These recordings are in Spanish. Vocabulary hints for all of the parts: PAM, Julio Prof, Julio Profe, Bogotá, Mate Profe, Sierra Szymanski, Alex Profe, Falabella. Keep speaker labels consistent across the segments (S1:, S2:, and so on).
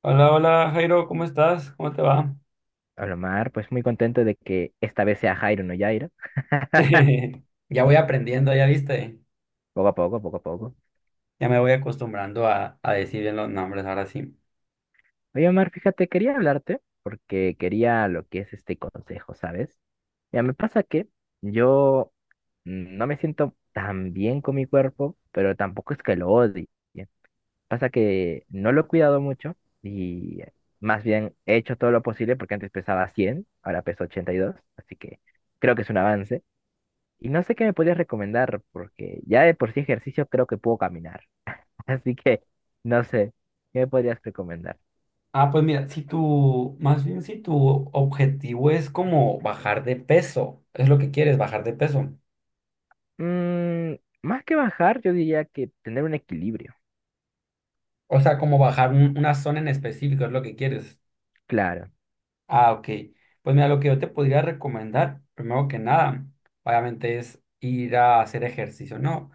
S1: Hola, hola Jairo, ¿cómo estás? ¿Cómo te va?
S2: Olomar, pues muy contento de que esta vez sea Jairo, no Jairo.
S1: Ya voy aprendiendo, ya viste.
S2: Poco a poco, poco a poco.
S1: Ya me voy acostumbrando a decir bien los nombres ahora sí.
S2: Oye, Omar, fíjate, quería hablarte porque quería lo que es este consejo, ¿sabes? Ya me pasa que yo no me siento tan bien con mi cuerpo, pero tampoco es que lo odie. Pasa que no lo he cuidado mucho y más bien he hecho todo lo posible porque antes pesaba 100, ahora peso 82, así que creo que es un avance. Y no sé qué me podías recomendar, porque ya de por sí ejercicio creo que puedo caminar. Así que no sé, ¿qué me podrías recomendar?
S1: Ah, pues mira, si tu, más bien si tu objetivo es como bajar de peso, es lo que quieres, bajar de peso.
S2: Mm, más que bajar, yo diría que tener un equilibrio.
S1: O sea, como bajar una zona en específico, es lo que quieres.
S2: Claro.
S1: Ah, ok. Pues mira, lo que yo te podría recomendar, primero que nada, obviamente es ir a hacer ejercicio, ¿no?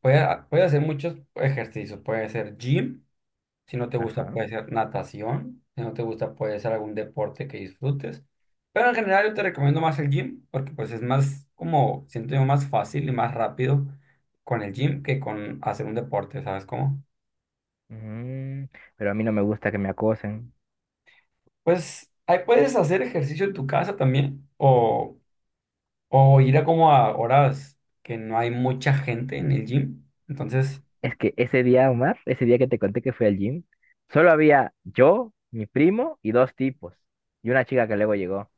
S1: Puede hacer muchos ejercicios, puede ser gym. Si no te gusta,
S2: Ajá.
S1: puede ser natación. Si no te gusta, puede ser algún deporte que disfrutes. Pero en general yo te recomiendo más el gym porque pues es más como, siento yo, más fácil y más rápido con el gym que con hacer un deporte, ¿sabes cómo?
S2: Mm, pero a mí no me gusta que me acosen.
S1: Pues ahí puedes hacer ejercicio en tu casa también o ir a como a horas que no hay mucha gente en el gym. Entonces,
S2: Es que ese día, Omar, ese día que te conté que fui al gym, solo había yo, mi primo y dos tipos. Y una chica que luego llegó.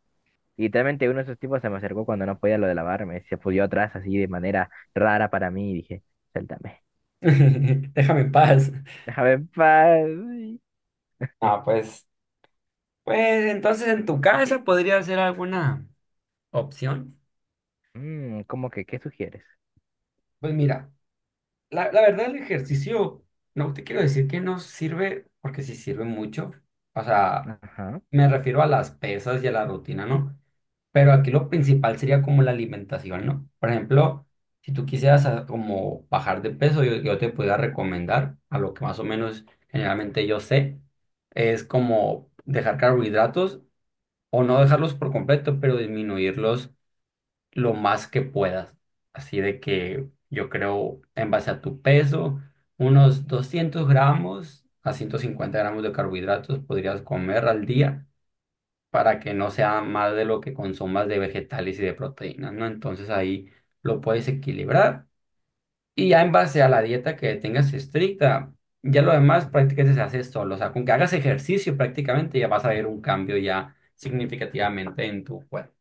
S2: Y literalmente uno de esos tipos se me acercó cuando no podía lo de lavarme. Se pudió atrás así de manera rara para mí y dije, suéltame.
S1: déjame en paz.
S2: Déjame en paz.
S1: Ah, pues, pues entonces en tu casa podría ser alguna opción.
S2: Mm, ¿cómo que qué sugieres?
S1: Pues mira. La verdad, el ejercicio, no te quiero decir que no sirve, porque sí sirve mucho. O sea,
S2: Ajá.
S1: me refiero a las pesas y a la rutina, ¿no? Pero aquí lo principal sería como la alimentación, ¿no? Por ejemplo, si tú quisieras como bajar de peso, yo te pudiera recomendar, a lo que más o menos generalmente yo sé, es como dejar carbohidratos o no dejarlos por completo, pero disminuirlos lo más que puedas. Así de que yo creo, en base a tu peso, unos 200 gramos a 150 gramos de carbohidratos podrías comer al día para que no sea más de lo que consumas de vegetales y de proteínas, ¿no? Entonces ahí lo puedes equilibrar. Y ya en base a la dieta que tengas estricta, ya lo demás prácticamente se hace solo. O sea, con que hagas ejercicio prácticamente ya vas a ver un cambio ya significativamente en tu cuerpo.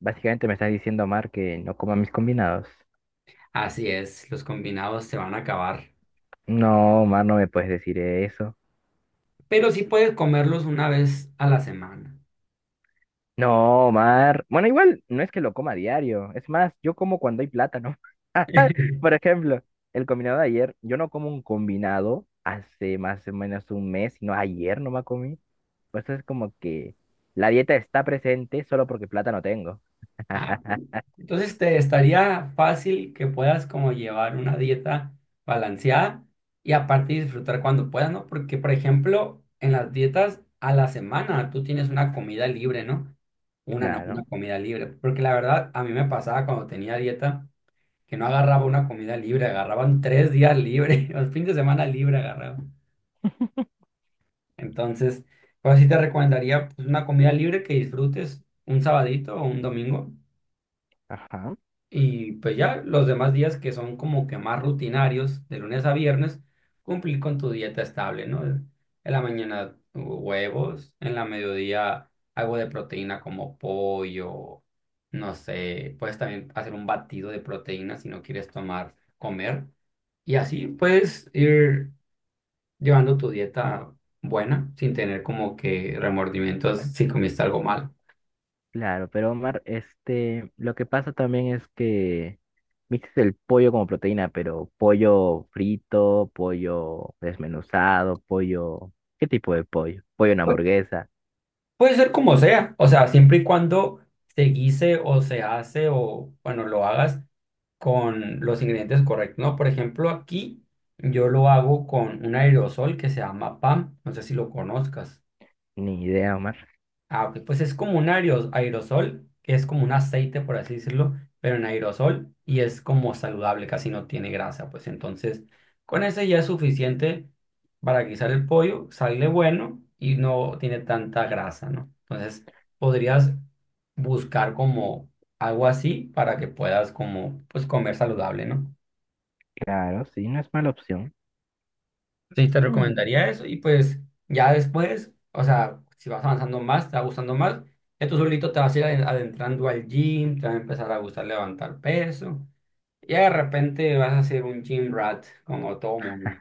S2: Básicamente me estás diciendo, Mar, que no coma mis combinados.
S1: Así es, los combinados se van a acabar.
S2: No, Mar, no me puedes decir eso.
S1: Pero sí puedes comerlos una vez a la semana.
S2: No, Mar. Bueno, igual no es que lo coma a diario. Es más, yo como cuando hay plátano. Por ejemplo, el combinado de ayer, yo no como un combinado hace más o menos un mes, sino ayer no me comí. Pues eso es como que la dieta está presente solo porque plátano tengo.
S1: Ah, entonces te estaría fácil que puedas como llevar una dieta balanceada y aparte disfrutar cuando puedas, ¿no? Porque, por ejemplo, en las dietas a la semana tú tienes una comida libre, ¿no? Una, una
S2: Claro.
S1: comida libre. Porque la verdad, a mí me pasaba cuando tenía dieta que no agarraba una comida libre, agarraban tres días libres, los fines de semana libre agarraba. Entonces, pues sí te recomendaría pues, una comida libre que disfrutes un sabadito o un domingo.
S2: Ajá.
S1: Y pues ya los demás días que son como que más rutinarios, de lunes a viernes, cumplir con tu dieta estable, ¿no? En la mañana huevos, en la mediodía algo de proteína como pollo, no sé, puedes también hacer un batido de proteína si no quieres tomar, comer. Y así puedes ir llevando tu dieta buena sin tener como que remordimientos si comiste algo mal.
S2: Claro, pero Omar, lo que pasa también es que mixes el pollo como proteína, pero pollo frito, pollo desmenuzado, pollo, ¿qué tipo de pollo? Pollo en
S1: Pu-
S2: hamburguesa,
S1: Puede ser como sea, o sea, siempre y cuando se guise o se hace o, bueno, lo hagas con los ingredientes correctos, ¿no? Por ejemplo, aquí yo lo hago con un aerosol que se llama PAM, no sé si lo conozcas.
S2: ni idea, Omar.
S1: Ah, ok, pues es como un aerosol, que es como un aceite, por así decirlo, pero en aerosol y es como saludable, casi no tiene grasa, pues entonces con ese ya es suficiente para guisar el pollo, sale bueno y no tiene tanta grasa, ¿no? Entonces podrías buscar como algo así para que puedas como pues comer saludable, ¿no?
S2: Claro, sí, no es mala opción.
S1: Sí, te
S2: Mm.
S1: recomendaría eso y pues ya después, o sea, si vas avanzando más, te va gustando más, ya tú solito te vas a ir adentrando al gym, te va a empezar a gustar levantar peso y de repente vas a ser un gym rat como todo mundo.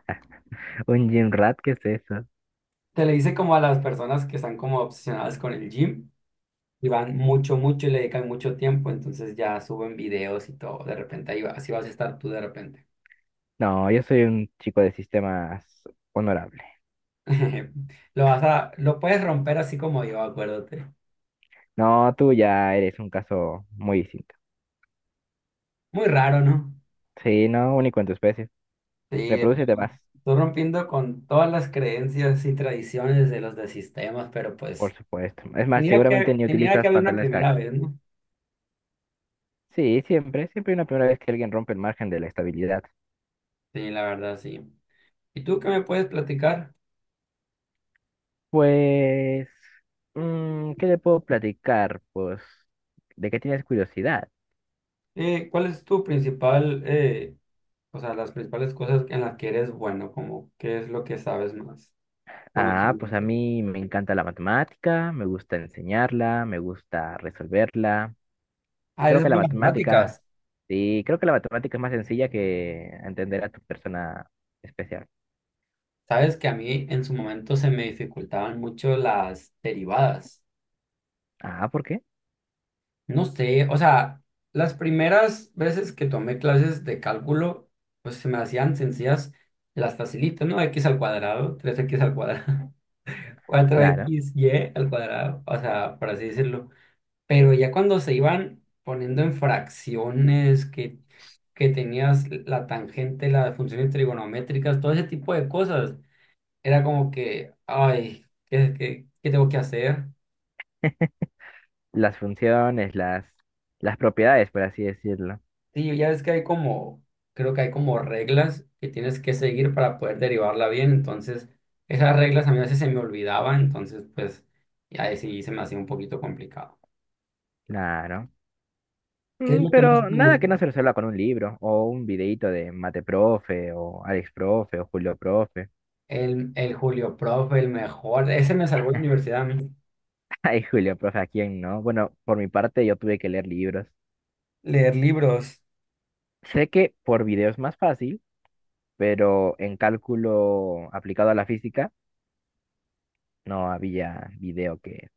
S2: ¿Un gym rat? ¿Qué es eso?
S1: Te le dice como a las personas que están como obsesionadas con el gym y van mucho, mucho y le dedican mucho tiempo, entonces ya suben videos y todo, de repente ahí va, así vas a estar tú de repente.
S2: No, yo soy un chico de sistemas honorable.
S1: Lo vas a, lo puedes romper así como yo, acuérdate.
S2: No, tú ya eres un caso muy distinto.
S1: Muy raro, ¿no?
S2: Sí, no, único en tu especie.
S1: Sí,
S2: Reprodúcete más,
S1: estoy rompiendo con todas las creencias y tradiciones de los de sistemas, pero
S2: por
S1: pues
S2: supuesto. Es más, seguramente ni
S1: tenía que
S2: utilizas
S1: haber una
S2: pantalones
S1: primera
S2: kaki.
S1: vez, ¿no?
S2: Sí, siempre, siempre hay una primera vez que alguien rompe el margen de la estabilidad.
S1: Sí, la verdad, sí. ¿Y tú qué me puedes platicar?
S2: Pues, mm, ¿qué le puedo platicar? Pues, ¿de qué tienes curiosidad?
S1: ¿Cuál es tu principal, o sea, las principales cosas en las que eres bueno, como qué es lo que sabes más?
S2: Ah, pues a
S1: Conocimiento.
S2: mí me encanta la matemática, me gusta enseñarla, me gusta resolverla.
S1: Ah,
S2: Creo
S1: eres
S2: que la
S1: bueno en matemáticas.
S2: matemática, sí, creo que la matemática es más sencilla que entender a tu persona especial.
S1: Sabes que a mí en su momento se me dificultaban mucho las derivadas.
S2: Ah, ¿por qué?
S1: No sé, o sea, las primeras veces que tomé clases de cálculo, pues se me hacían sencillas las facilitas, ¿no? X al cuadrado, tres x al cuadrado, 4
S2: Claro,
S1: y al cuadrado, o sea, por así decirlo. Pero ya cuando se iban poniendo en fracciones, que tenías la tangente, las funciones trigonométricas, todo ese tipo de cosas, era como que, ay, ¿qué tengo que hacer?
S2: las funciones, las propiedades, por así decirlo.
S1: Sí, ya ves que hay como, creo que hay como reglas que tienes que seguir para poder derivarla bien, entonces esas reglas a mí a veces se me olvidaban, entonces pues ya sí se me hacía un poquito complicado.
S2: Claro.
S1: ¿Qué es
S2: Mm,
S1: lo que más
S2: pero
S1: te
S2: nada que
S1: gusta?
S2: no se resuelva con un libro o un videíto de Mate Profe o Alex Profe o Julio Profe.
S1: El Julio Prof, el mejor, ese me salvó la universidad a mí.
S2: Ay, Julio Profe, ¿a quién no? Bueno, por mi parte yo tuve que leer libros.
S1: Leer libros.
S2: Sé que por video es más fácil, pero en cálculo aplicado a la física no había video que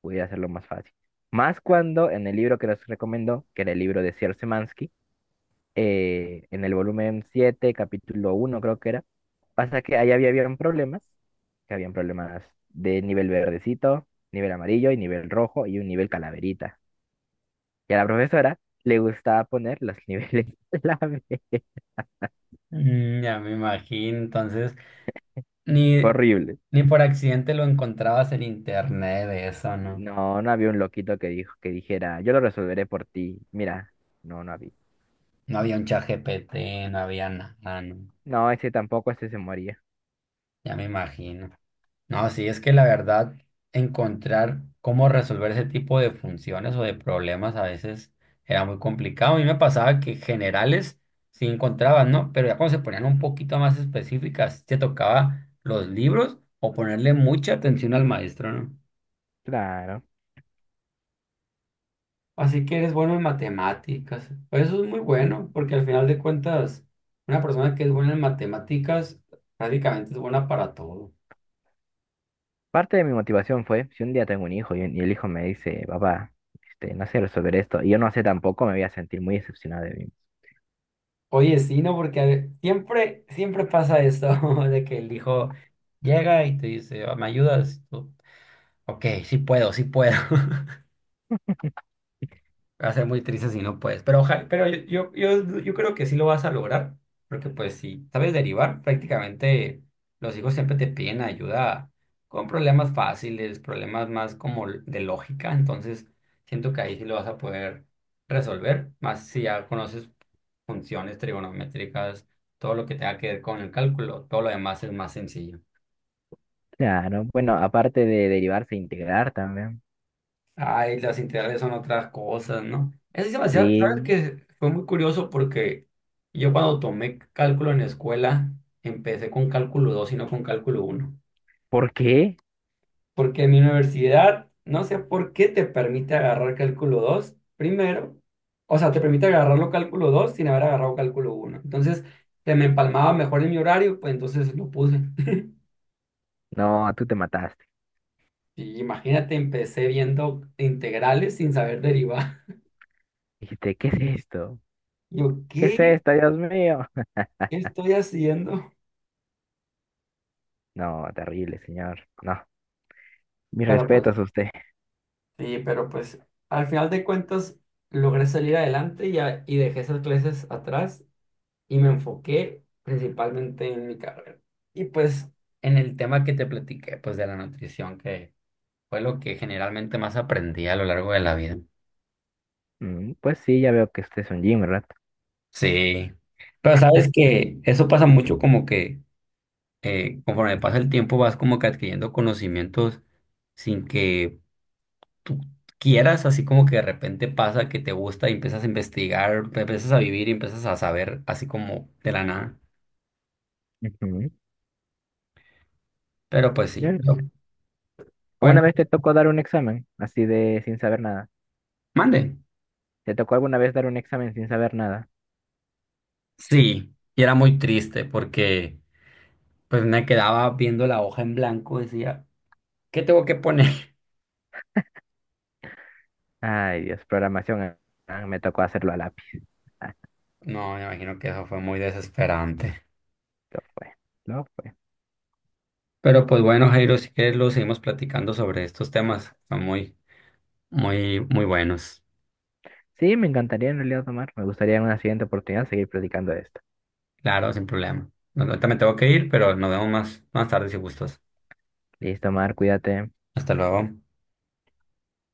S2: pudiera hacerlo más fácil. Más cuando en el libro que nos recomendó, que era el libro de Sierra Szymanski, en el volumen 7 capítulo uno creo que era. Pasa que ahí habían problemas, que habían problemas de nivel verdecito, nivel amarillo y nivel rojo y un nivel calaverita. Y a la profesora le gustaba poner los niveles clave.
S1: Mm, ya me imagino, entonces ni,
S2: Horrible.
S1: ni por accidente lo encontrabas en internet, eso, ¿no?
S2: No, no había un loquito que que dijera, yo lo resolveré por ti. Mira, no, no había.
S1: No había un chat GPT, no había nada, ¿no?
S2: No, ese tampoco, ese se moría.
S1: Ya me imagino. No, sí, es que la verdad, encontrar cómo resolver ese tipo de funciones o de problemas a veces era muy complicado. A mí me pasaba que generales sí encontraban, ¿no? Pero ya cuando se ponían un poquito más específicas, te tocaba los libros o ponerle mucha atención al maestro, ¿no?
S2: Claro.
S1: Así que eres bueno en matemáticas. Pues eso es muy
S2: Sí.
S1: bueno, porque al final de cuentas, una persona que es buena en matemáticas prácticamente es buena para todo.
S2: Parte de mi motivación fue, si un día tengo un hijo y el hijo me dice, papá, no sé resolver esto, y yo no sé tampoco, me voy a sentir muy decepcionado de mí.
S1: Oye, sí, no, porque siempre, siempre pasa esto de que el hijo llega y te dice, "Ah, ¿me ayudas? Y tú, ok, sí puedo, sí puedo. Va a ser muy triste si no puedes. Pero, ojalá, pero yo creo que sí lo vas a lograr. Porque pues si sabes derivar, prácticamente los hijos siempre te piden ayuda con problemas fáciles, problemas más como de lógica. Entonces siento que ahí sí lo vas a poder resolver. Más si ya conoces funciones trigonométricas, todo lo que tenga que ver con el cálculo, todo lo demás es más sencillo.
S2: Claro, bueno, aparte de derivarse, e integrar también.
S1: Ay, las integrales son otras cosas, ¿no? Eso es sí, demasiado. ¿Sabes
S2: Sí.
S1: que fue muy curioso porque yo cuando tomé cálculo en la escuela, empecé con cálculo 2 y no con cálculo uno.
S2: ¿Por qué?
S1: Porque en mi universidad, no sé por qué te permite agarrar cálculo 2 primero. O sea, te permite agarrarlo cálculo 2 sin haber agarrado cálculo uno. Entonces, se me empalmaba mejor en mi horario, pues entonces lo puse.
S2: No, tú te mataste.
S1: Y imagínate, empecé viendo integrales sin saber derivar.
S2: Dijiste, ¿qué es esto?
S1: Yo,
S2: ¿Qué es
S1: ¿qué?
S2: esto, Dios mío?
S1: ¿Qué estoy haciendo?
S2: No, terrible, señor. No, mis
S1: Pero pues,
S2: respetos a usted.
S1: sí, pero pues, al final de cuentas, logré salir adelante y dejé esas clases atrás y me enfoqué principalmente en mi carrera. Y pues, en el tema que te platiqué, pues de la nutrición, que fue lo que generalmente más aprendí a lo largo de la vida.
S2: Mm, pues sí, ya veo que usted es un gym, ¿verdad?
S1: Sí, pero sabes que eso pasa mucho como que conforme pasa el tiempo vas como que adquiriendo conocimientos sin que tú quieras, así como que de repente pasa que te gusta y empiezas a investigar, empiezas a vivir y empiezas a saber así como de la nada.
S2: Ujú.
S1: Pero pues sí,
S2: Yes.
S1: bueno,
S2: ¿Alguna vez te tocó dar un examen así de sin saber nada?
S1: mande.
S2: ¿Te tocó alguna vez dar un examen sin saber nada?
S1: Sí, y era muy triste porque pues me quedaba viendo la hoja en blanco decía, ¿qué tengo que poner?
S2: Ay, Dios, programación. Me tocó hacerlo a lápiz. Ah,
S1: No, me imagino que eso fue muy desesperante.
S2: lo fue, lo fue.
S1: Pero pues bueno, Jairo, si quieres lo seguimos platicando sobre estos temas. Son muy, muy, muy buenos.
S2: Sí, me encantaría en realidad, Omar. Me gustaría en una siguiente oportunidad seguir platicando de esto.
S1: Claro, sin problema. No, ahorita me tengo que ir, pero nos vemos más tarde si gustas.
S2: Listo, Omar, cuídate.
S1: Hasta luego.